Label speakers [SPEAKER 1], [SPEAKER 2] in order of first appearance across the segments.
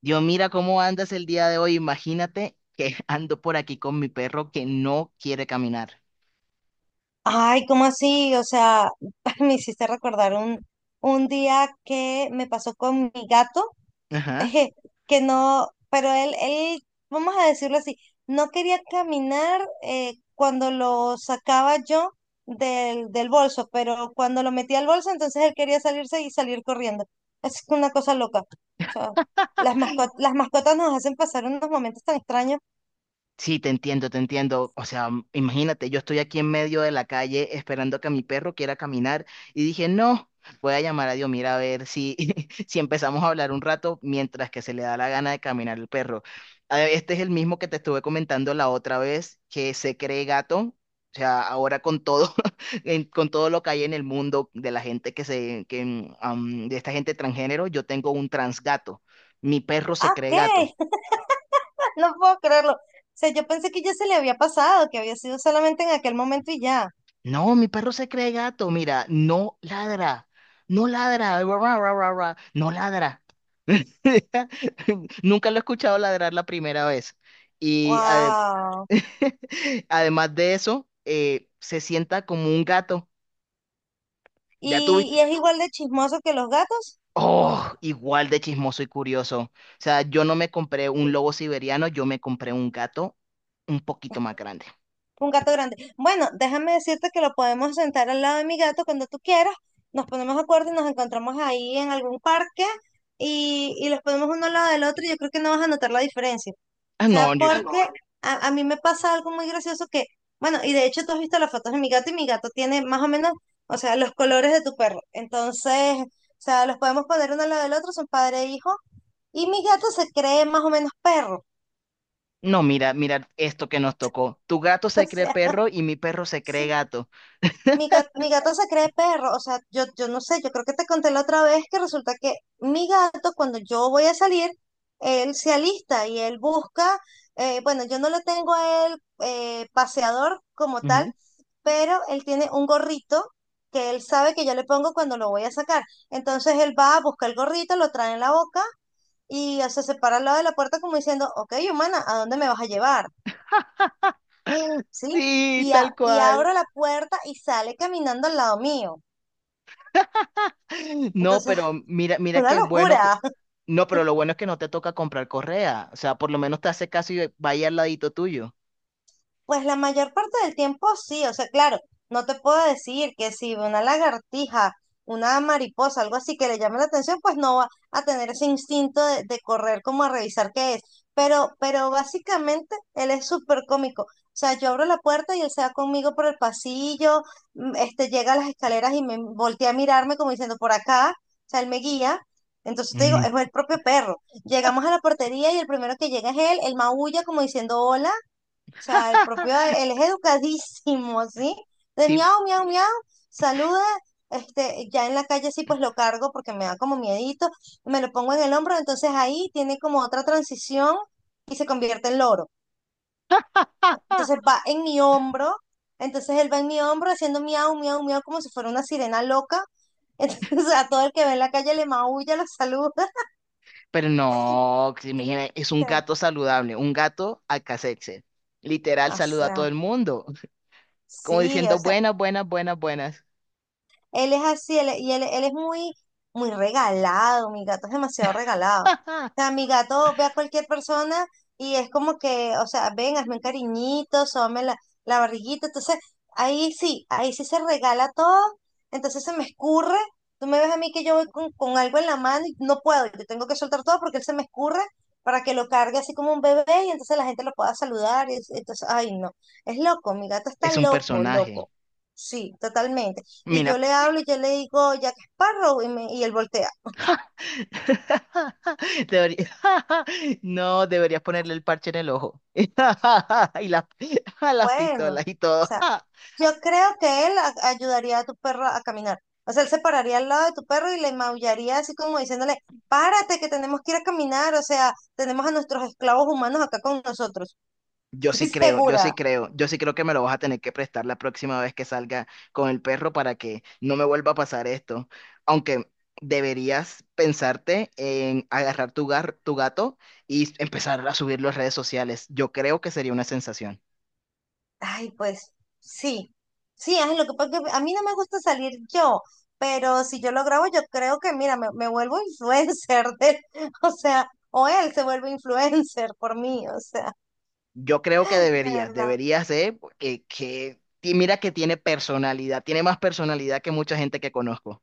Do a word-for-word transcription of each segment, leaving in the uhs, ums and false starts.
[SPEAKER 1] Dios, mira cómo andas el día de hoy. Imagínate que ando por aquí con mi perro que no quiere caminar.
[SPEAKER 2] Ay, ¿cómo así? O sea, me hiciste recordar un, un día que me pasó con mi gato,
[SPEAKER 1] Ajá.
[SPEAKER 2] que no, pero él, él, vamos a decirlo así, no quería caminar eh, cuando lo sacaba yo del, del bolso, pero cuando lo metía al bolso, entonces él quería salirse y salir corriendo. Es una cosa loca. O sea, las mascotas, las mascotas nos hacen pasar unos momentos tan extraños.
[SPEAKER 1] Sí, te entiendo, te entiendo. O sea, m- imagínate, yo estoy aquí en medio de la calle esperando que mi perro quiera caminar y dije, no, voy a llamar a Dios, mira, a ver si, si empezamos a hablar un rato mientras que se le da la gana de caminar el perro. A ver, este es el mismo que te estuve comentando la otra vez, que se cree gato. O sea, ahora con todo, en- con todo lo que hay en el mundo de la gente que se, que, mm, am, de esta gente transgénero, yo tengo un transgato. Mi perro se
[SPEAKER 2] Ah, ok.
[SPEAKER 1] cree gato.
[SPEAKER 2] No puedo creerlo. O sea, yo pensé que ya se le había pasado, que había sido solamente en aquel momento y ya.
[SPEAKER 1] No, mi perro se cree gato, mira, no ladra, no ladra, ra, ra, ra, ra, ra, no ladra. Nunca lo he escuchado ladrar la primera vez. Y ade-
[SPEAKER 2] Wow.
[SPEAKER 1] Además de eso, eh, se sienta como un gato. Ya
[SPEAKER 2] ¿Y,
[SPEAKER 1] tuviste.
[SPEAKER 2] y es igual de chismoso que los gatos?
[SPEAKER 1] Oh, igual de chismoso y curioso. O sea, yo no me compré un lobo siberiano, yo me compré un gato un poquito más grande.
[SPEAKER 2] Un gato grande. Bueno, déjame decirte que lo podemos sentar al lado de mi gato cuando tú quieras. Nos ponemos de acuerdo y nos encontramos ahí en algún parque y, y los ponemos uno al lado del otro y yo creo que no vas a notar la diferencia.
[SPEAKER 1] Ah, no,
[SPEAKER 2] Sea,
[SPEAKER 1] yo-
[SPEAKER 2] porque a, a mí me pasa algo muy gracioso que, bueno, y de hecho tú has visto las fotos de mi gato y mi gato tiene más o menos, o sea, los colores de tu perro. Entonces, o sea, los podemos poner uno al lado del otro, son padre e hijo, y mi gato se cree más o menos perro.
[SPEAKER 1] no, mira, mira esto que nos tocó. Tu gato se cree perro y mi perro se cree
[SPEAKER 2] Sí.
[SPEAKER 1] gato.
[SPEAKER 2] Mi gato, mi gato se cree perro, o sea, yo, yo no sé, yo creo que te conté la otra vez que resulta que mi gato cuando yo voy a salir, él se alista y él busca, eh, bueno, yo no lo tengo a él eh, paseador como tal,
[SPEAKER 1] Ujú.
[SPEAKER 2] pero él tiene un gorrito que él sabe que yo le pongo cuando lo voy a sacar. Entonces él va a buscar el gorrito, lo trae en la boca y o sea, se para al lado de la puerta como diciendo, ok, humana, ¿a dónde me vas a llevar? ¿Sí?
[SPEAKER 1] Sí,
[SPEAKER 2] Y,
[SPEAKER 1] tal
[SPEAKER 2] a- y
[SPEAKER 1] cual.
[SPEAKER 2] abro la puerta y sale caminando al lado mío.
[SPEAKER 1] No,
[SPEAKER 2] Entonces,
[SPEAKER 1] pero mira, mira
[SPEAKER 2] una
[SPEAKER 1] qué bueno que...
[SPEAKER 2] locura.
[SPEAKER 1] No, pero lo bueno es que no te toca comprar correa. O sea, por lo menos te hace caso y vaya al ladito tuyo.
[SPEAKER 2] Pues la mayor parte del tiempo sí, o sea, claro, no te puedo decir que si una lagartija, una mariposa, algo así que le llame la atención, pues no va a tener ese instinto de, de correr como a revisar qué es. Pero, pero básicamente él es súper cómico. O sea, yo abro la puerta y él se va conmigo por el pasillo, mm, este, llega a las escaleras y me voltea a mirarme como diciendo por acá, o sea, él me guía. Entonces te digo,
[SPEAKER 1] Mm.
[SPEAKER 2] es el propio perro. Llegamos a la portería y el primero que llega es él, él maulla como diciendo hola sea, el propio, él es educadísimo, ¿sí? De
[SPEAKER 1] Sí,
[SPEAKER 2] miau, miau, miau, saluda, este, ya en la calle sí pues lo cargo porque me da como miedito, me lo pongo en el hombro, entonces ahí tiene como otra transición y se convierte en loro. Entonces va en mi hombro, entonces él va en mi hombro haciendo miau, miau, miau como si fuera una sirena loca. Entonces a todo el que ve en la calle le maulla, lo saluda.
[SPEAKER 1] pero no, que se imagina, es
[SPEAKER 2] O
[SPEAKER 1] un
[SPEAKER 2] sea,
[SPEAKER 1] gato saludable, un gato al alcacelser. Literal,
[SPEAKER 2] o
[SPEAKER 1] saluda a todo
[SPEAKER 2] sea,
[SPEAKER 1] el mundo, como
[SPEAKER 2] sí, o
[SPEAKER 1] diciendo
[SPEAKER 2] sea,
[SPEAKER 1] buenas, buenas, buenas, buenas.
[SPEAKER 2] Él es así, él, y él, él es muy, muy regalado, mi gato es demasiado regalado. O sea, mi gato ve a cualquier persona y es como que, o sea, ven, hazme un cariñito, sóbame la, la barriguita. Entonces, ahí sí, ahí sí se regala todo, entonces se me escurre. Tú me ves a mí que yo voy con, con algo en la mano y no puedo, yo tengo que soltar todo porque él se me escurre para que lo cargue así como un bebé y entonces la gente lo pueda saludar. Y es- entonces, ay, no, es loco, mi gato está
[SPEAKER 1] Es un
[SPEAKER 2] loco,
[SPEAKER 1] personaje.
[SPEAKER 2] loco. Sí, totalmente. Y yo
[SPEAKER 1] Mira,
[SPEAKER 2] le hablo y yo le digo Jack Sparrow y, me- y él voltea.
[SPEAKER 1] Debería- no, deberías ponerle el parche en el ojo. Y las, las
[SPEAKER 2] Bueno, o
[SPEAKER 1] pistolas y todo.
[SPEAKER 2] sea, yo creo que él a- ayudaría a tu perro a caminar. O sea, él se pararía al lado de tu perro y le maullaría así como diciéndole, párate que tenemos que ir a caminar. O sea, tenemos a nuestros esclavos humanos acá con nosotros.
[SPEAKER 1] Yo sí
[SPEAKER 2] Estoy
[SPEAKER 1] creo, yo
[SPEAKER 2] segura.
[SPEAKER 1] sí creo, yo sí creo que me lo vas a tener que prestar la próxima vez que salga con el perro para que no me vuelva a pasar esto. Aunque deberías pensarte en agarrar tu, gar- tu gato y empezar a subirlo a redes sociales. Yo creo que sería una sensación.
[SPEAKER 2] Ay, pues sí. Sí, es lo que pasa es que a mí no me gusta salir yo, pero si yo lo grabo, yo creo que, mira, me, me vuelvo influencer de, o sea, o él se vuelve influencer por mí, o sea.
[SPEAKER 1] Yo creo que
[SPEAKER 2] De
[SPEAKER 1] deberías,
[SPEAKER 2] verdad.
[SPEAKER 1] deberías de, porque que, y mira que tiene personalidad, tiene más personalidad que mucha gente que conozco.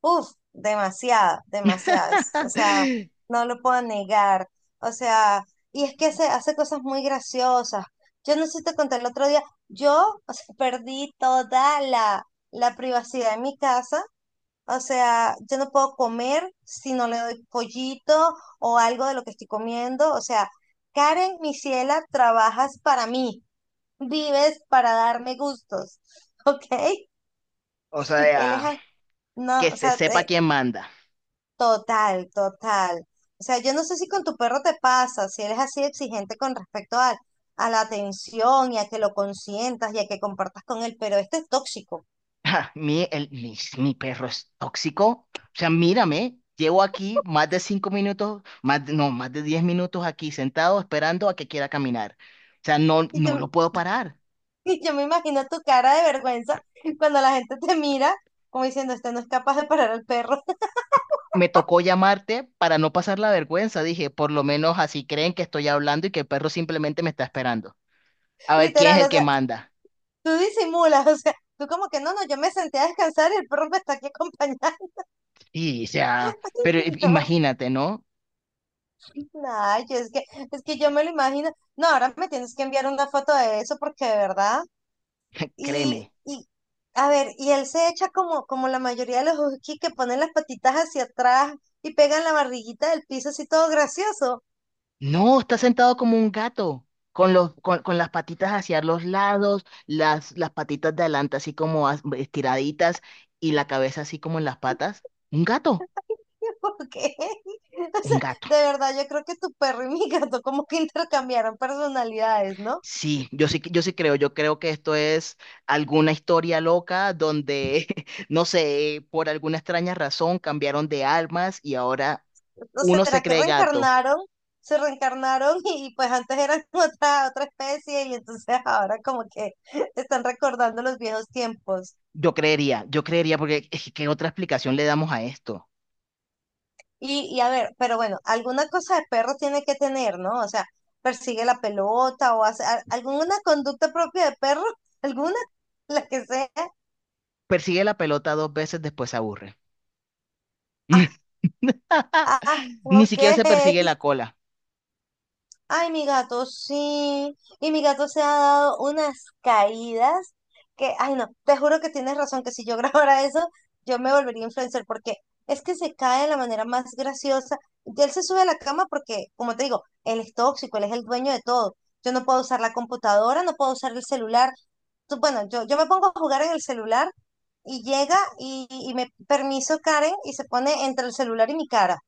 [SPEAKER 2] Uf, demasiada, demasiadas. O sea, no lo puedo negar. O sea, y es que hace, hace cosas muy graciosas. Yo no sé si te conté el otro día, yo, o sea, perdí toda la, la privacidad en mi casa. O sea, yo no puedo comer si no le doy pollito o algo de lo que estoy comiendo. O sea, Karen, mi ciela, trabajas para mí, vives para darme gustos, ¿ok?
[SPEAKER 1] O
[SPEAKER 2] Él es,
[SPEAKER 1] sea,
[SPEAKER 2] a- no,
[SPEAKER 1] que
[SPEAKER 2] o
[SPEAKER 1] se
[SPEAKER 2] sea,
[SPEAKER 1] sepa quién manda.
[SPEAKER 2] total, total. O sea, yo no sé si con tu perro te pasa, si eres así exigente con respecto a, a la atención y a que lo consientas y a que compartas con él, pero este es tóxico.
[SPEAKER 1] Ja, mi, el, mi, mi perro es tóxico. O sea, mírame, llevo aquí más de cinco minutos, más de- no, más de diez minutos aquí sentado esperando a que quiera caminar. O sea, no,
[SPEAKER 2] Y,
[SPEAKER 1] no
[SPEAKER 2] te-
[SPEAKER 1] lo puedo parar.
[SPEAKER 2] y yo me imagino tu cara de vergüenza cuando la gente te mira como diciendo, este no es capaz de parar al perro.
[SPEAKER 1] Me tocó llamarte para no pasar la vergüenza. Dije, por lo menos así creen que estoy hablando y que el perro simplemente me está esperando. A ver quién es
[SPEAKER 2] Literal, o
[SPEAKER 1] el que
[SPEAKER 2] sea,
[SPEAKER 1] manda.
[SPEAKER 2] tú disimulas, o sea, tú como que no, no, yo me senté a descansar y el perro me está aquí acompañando.
[SPEAKER 1] Y, o sea, pero i- imagínate, ¿no?
[SPEAKER 2] No, no, yo es que, es que yo me lo imagino. No, ahora me tienes que enviar una foto de eso porque de verdad.
[SPEAKER 1] Créeme.
[SPEAKER 2] Y, y, a ver, y él se echa como, como la mayoría de los huskies que ponen las patitas hacia atrás y pegan la barriguita del piso así todo gracioso.
[SPEAKER 1] No, está sentado como un gato, con los, con, con las patitas hacia los lados, las, las patitas de adelante así como as- estiraditas y la cabeza así como en las patas. Un gato,
[SPEAKER 2] ¿Por qué? O sea,
[SPEAKER 1] un gato.
[SPEAKER 2] de verdad, yo creo que tu perro y mi gato como que intercambiaron personalidades, ¿no?
[SPEAKER 1] Sí, yo sí, yo sí creo, yo creo que esto es alguna historia loca donde, no sé, por alguna extraña razón cambiaron de armas y ahora
[SPEAKER 2] ¿O
[SPEAKER 1] uno
[SPEAKER 2] será
[SPEAKER 1] se
[SPEAKER 2] que
[SPEAKER 1] cree gato.
[SPEAKER 2] reencarnaron? Se reencarnaron y, y pues antes eran otra, otra especie y entonces ahora como que están recordando los viejos tiempos.
[SPEAKER 1] Yo creería, yo creería, porque es que, ¿qué otra explicación le damos a esto?
[SPEAKER 2] Y, y a ver, pero bueno, alguna cosa de perro tiene que tener, ¿no? O sea, persigue la pelota o hace a- alguna conducta propia de perro, alguna, la que sea.
[SPEAKER 1] Persigue la pelota dos veces, después se aburre.
[SPEAKER 2] Ah, ah, ah,
[SPEAKER 1] Ni
[SPEAKER 2] ok.
[SPEAKER 1] siquiera se persigue la cola.
[SPEAKER 2] Ay, mi gato, sí. Y mi gato se ha dado unas caídas que, ay, no, te juro que tienes razón, que si yo grabara eso, yo me volvería influencer, porque es que se cae de la manera más graciosa. Y él se sube a la cama porque, como te digo, él es tóxico, él es el dueño de todo. Yo no puedo usar la computadora, no puedo usar el celular. Tú- Bueno, yo, yo me pongo a jugar en el celular y llega y, y me permiso Karen y se pone entre el celular y mi cara.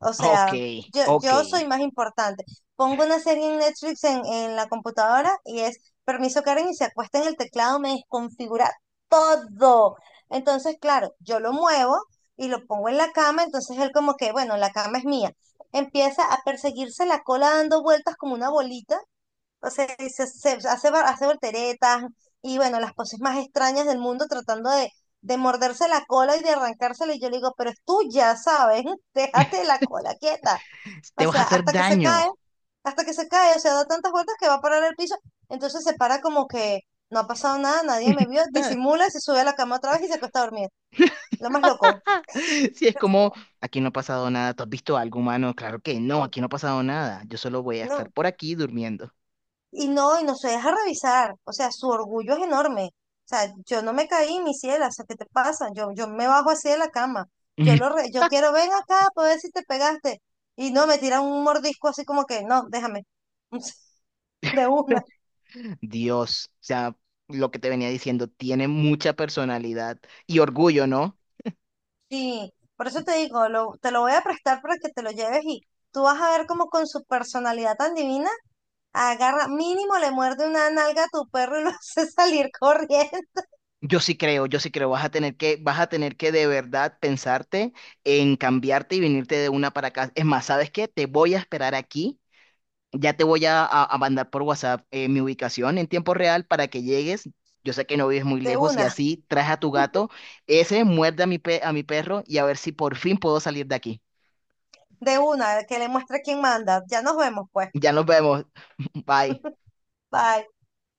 [SPEAKER 2] O
[SPEAKER 1] Ok,
[SPEAKER 2] sea, yo,
[SPEAKER 1] ok.
[SPEAKER 2] yo soy más importante. Pongo una serie en Netflix en, en la computadora y es permiso Karen y se acuesta en el teclado, me desconfigura todo. Entonces, claro, yo lo muevo y lo pongo en la cama, entonces él como que, bueno, la cama es mía. Empieza a perseguirse la cola dando vueltas como una bolita o sea, y se, se- hace, va- hace volteretas y bueno, las poses más extrañas del mundo tratando de, de morderse la cola y de arrancársela. Y yo le digo, pero es tuya, ¿sabes? Déjate la cola quieta.
[SPEAKER 1] Te
[SPEAKER 2] O
[SPEAKER 1] vas a
[SPEAKER 2] sea,
[SPEAKER 1] hacer
[SPEAKER 2] hasta que se cae,
[SPEAKER 1] daño.
[SPEAKER 2] hasta que se cae, o sea, da tantas vueltas que va a parar el piso. Entonces se para como que no ha pasado nada, nadie me vio, disimula, se sube a la cama otra vez y se acuesta a dormir. Lo más loco.
[SPEAKER 1] Si es
[SPEAKER 2] O sea,
[SPEAKER 1] como, aquí no ha pasado nada. ¿Tú has visto algo humano? Claro que no,
[SPEAKER 2] eh,
[SPEAKER 1] aquí no ha pasado nada. Yo solo voy a estar
[SPEAKER 2] no.
[SPEAKER 1] por aquí durmiendo.
[SPEAKER 2] Y no, y no se deja revisar. O sea, su orgullo es enorme. O sea, yo no me caí, mi ciela. O sea, ¿qué te pasa? Yo, yo me bajo así de la cama. Yo lo re- yo quiero, ven acá para ver si te pegaste. Y no, me tiran un mordisco así como que, no, déjame. De una.
[SPEAKER 1] Dios, o sea, lo que te venía diciendo, tiene mucha personalidad y orgullo, ¿no?
[SPEAKER 2] Sí, por eso te digo, lo- te lo voy a prestar para que te lo lleves y tú vas a ver como con su personalidad tan divina, agarra, mínimo le muerde una nalga a tu perro y lo hace salir corriendo.
[SPEAKER 1] Yo sí creo, yo sí creo, vas a tener que, vas a tener que de verdad pensarte en cambiarte y venirte de una para acá. Es más, ¿sabes qué? Te voy a esperar aquí, ya te voy a, a- a mandar por WhatsApp eh, mi ubicación en tiempo real para que llegues. Yo sé que no vives muy
[SPEAKER 2] De
[SPEAKER 1] lejos y
[SPEAKER 2] una,
[SPEAKER 1] así traes a tu gato, ese muerde a mi, pe- a mi perro y a ver si por fin puedo salir de aquí.
[SPEAKER 2] de una, que le muestre quién manda. Ya nos vemos, pues.
[SPEAKER 1] Ya nos vemos. Bye.
[SPEAKER 2] Bye.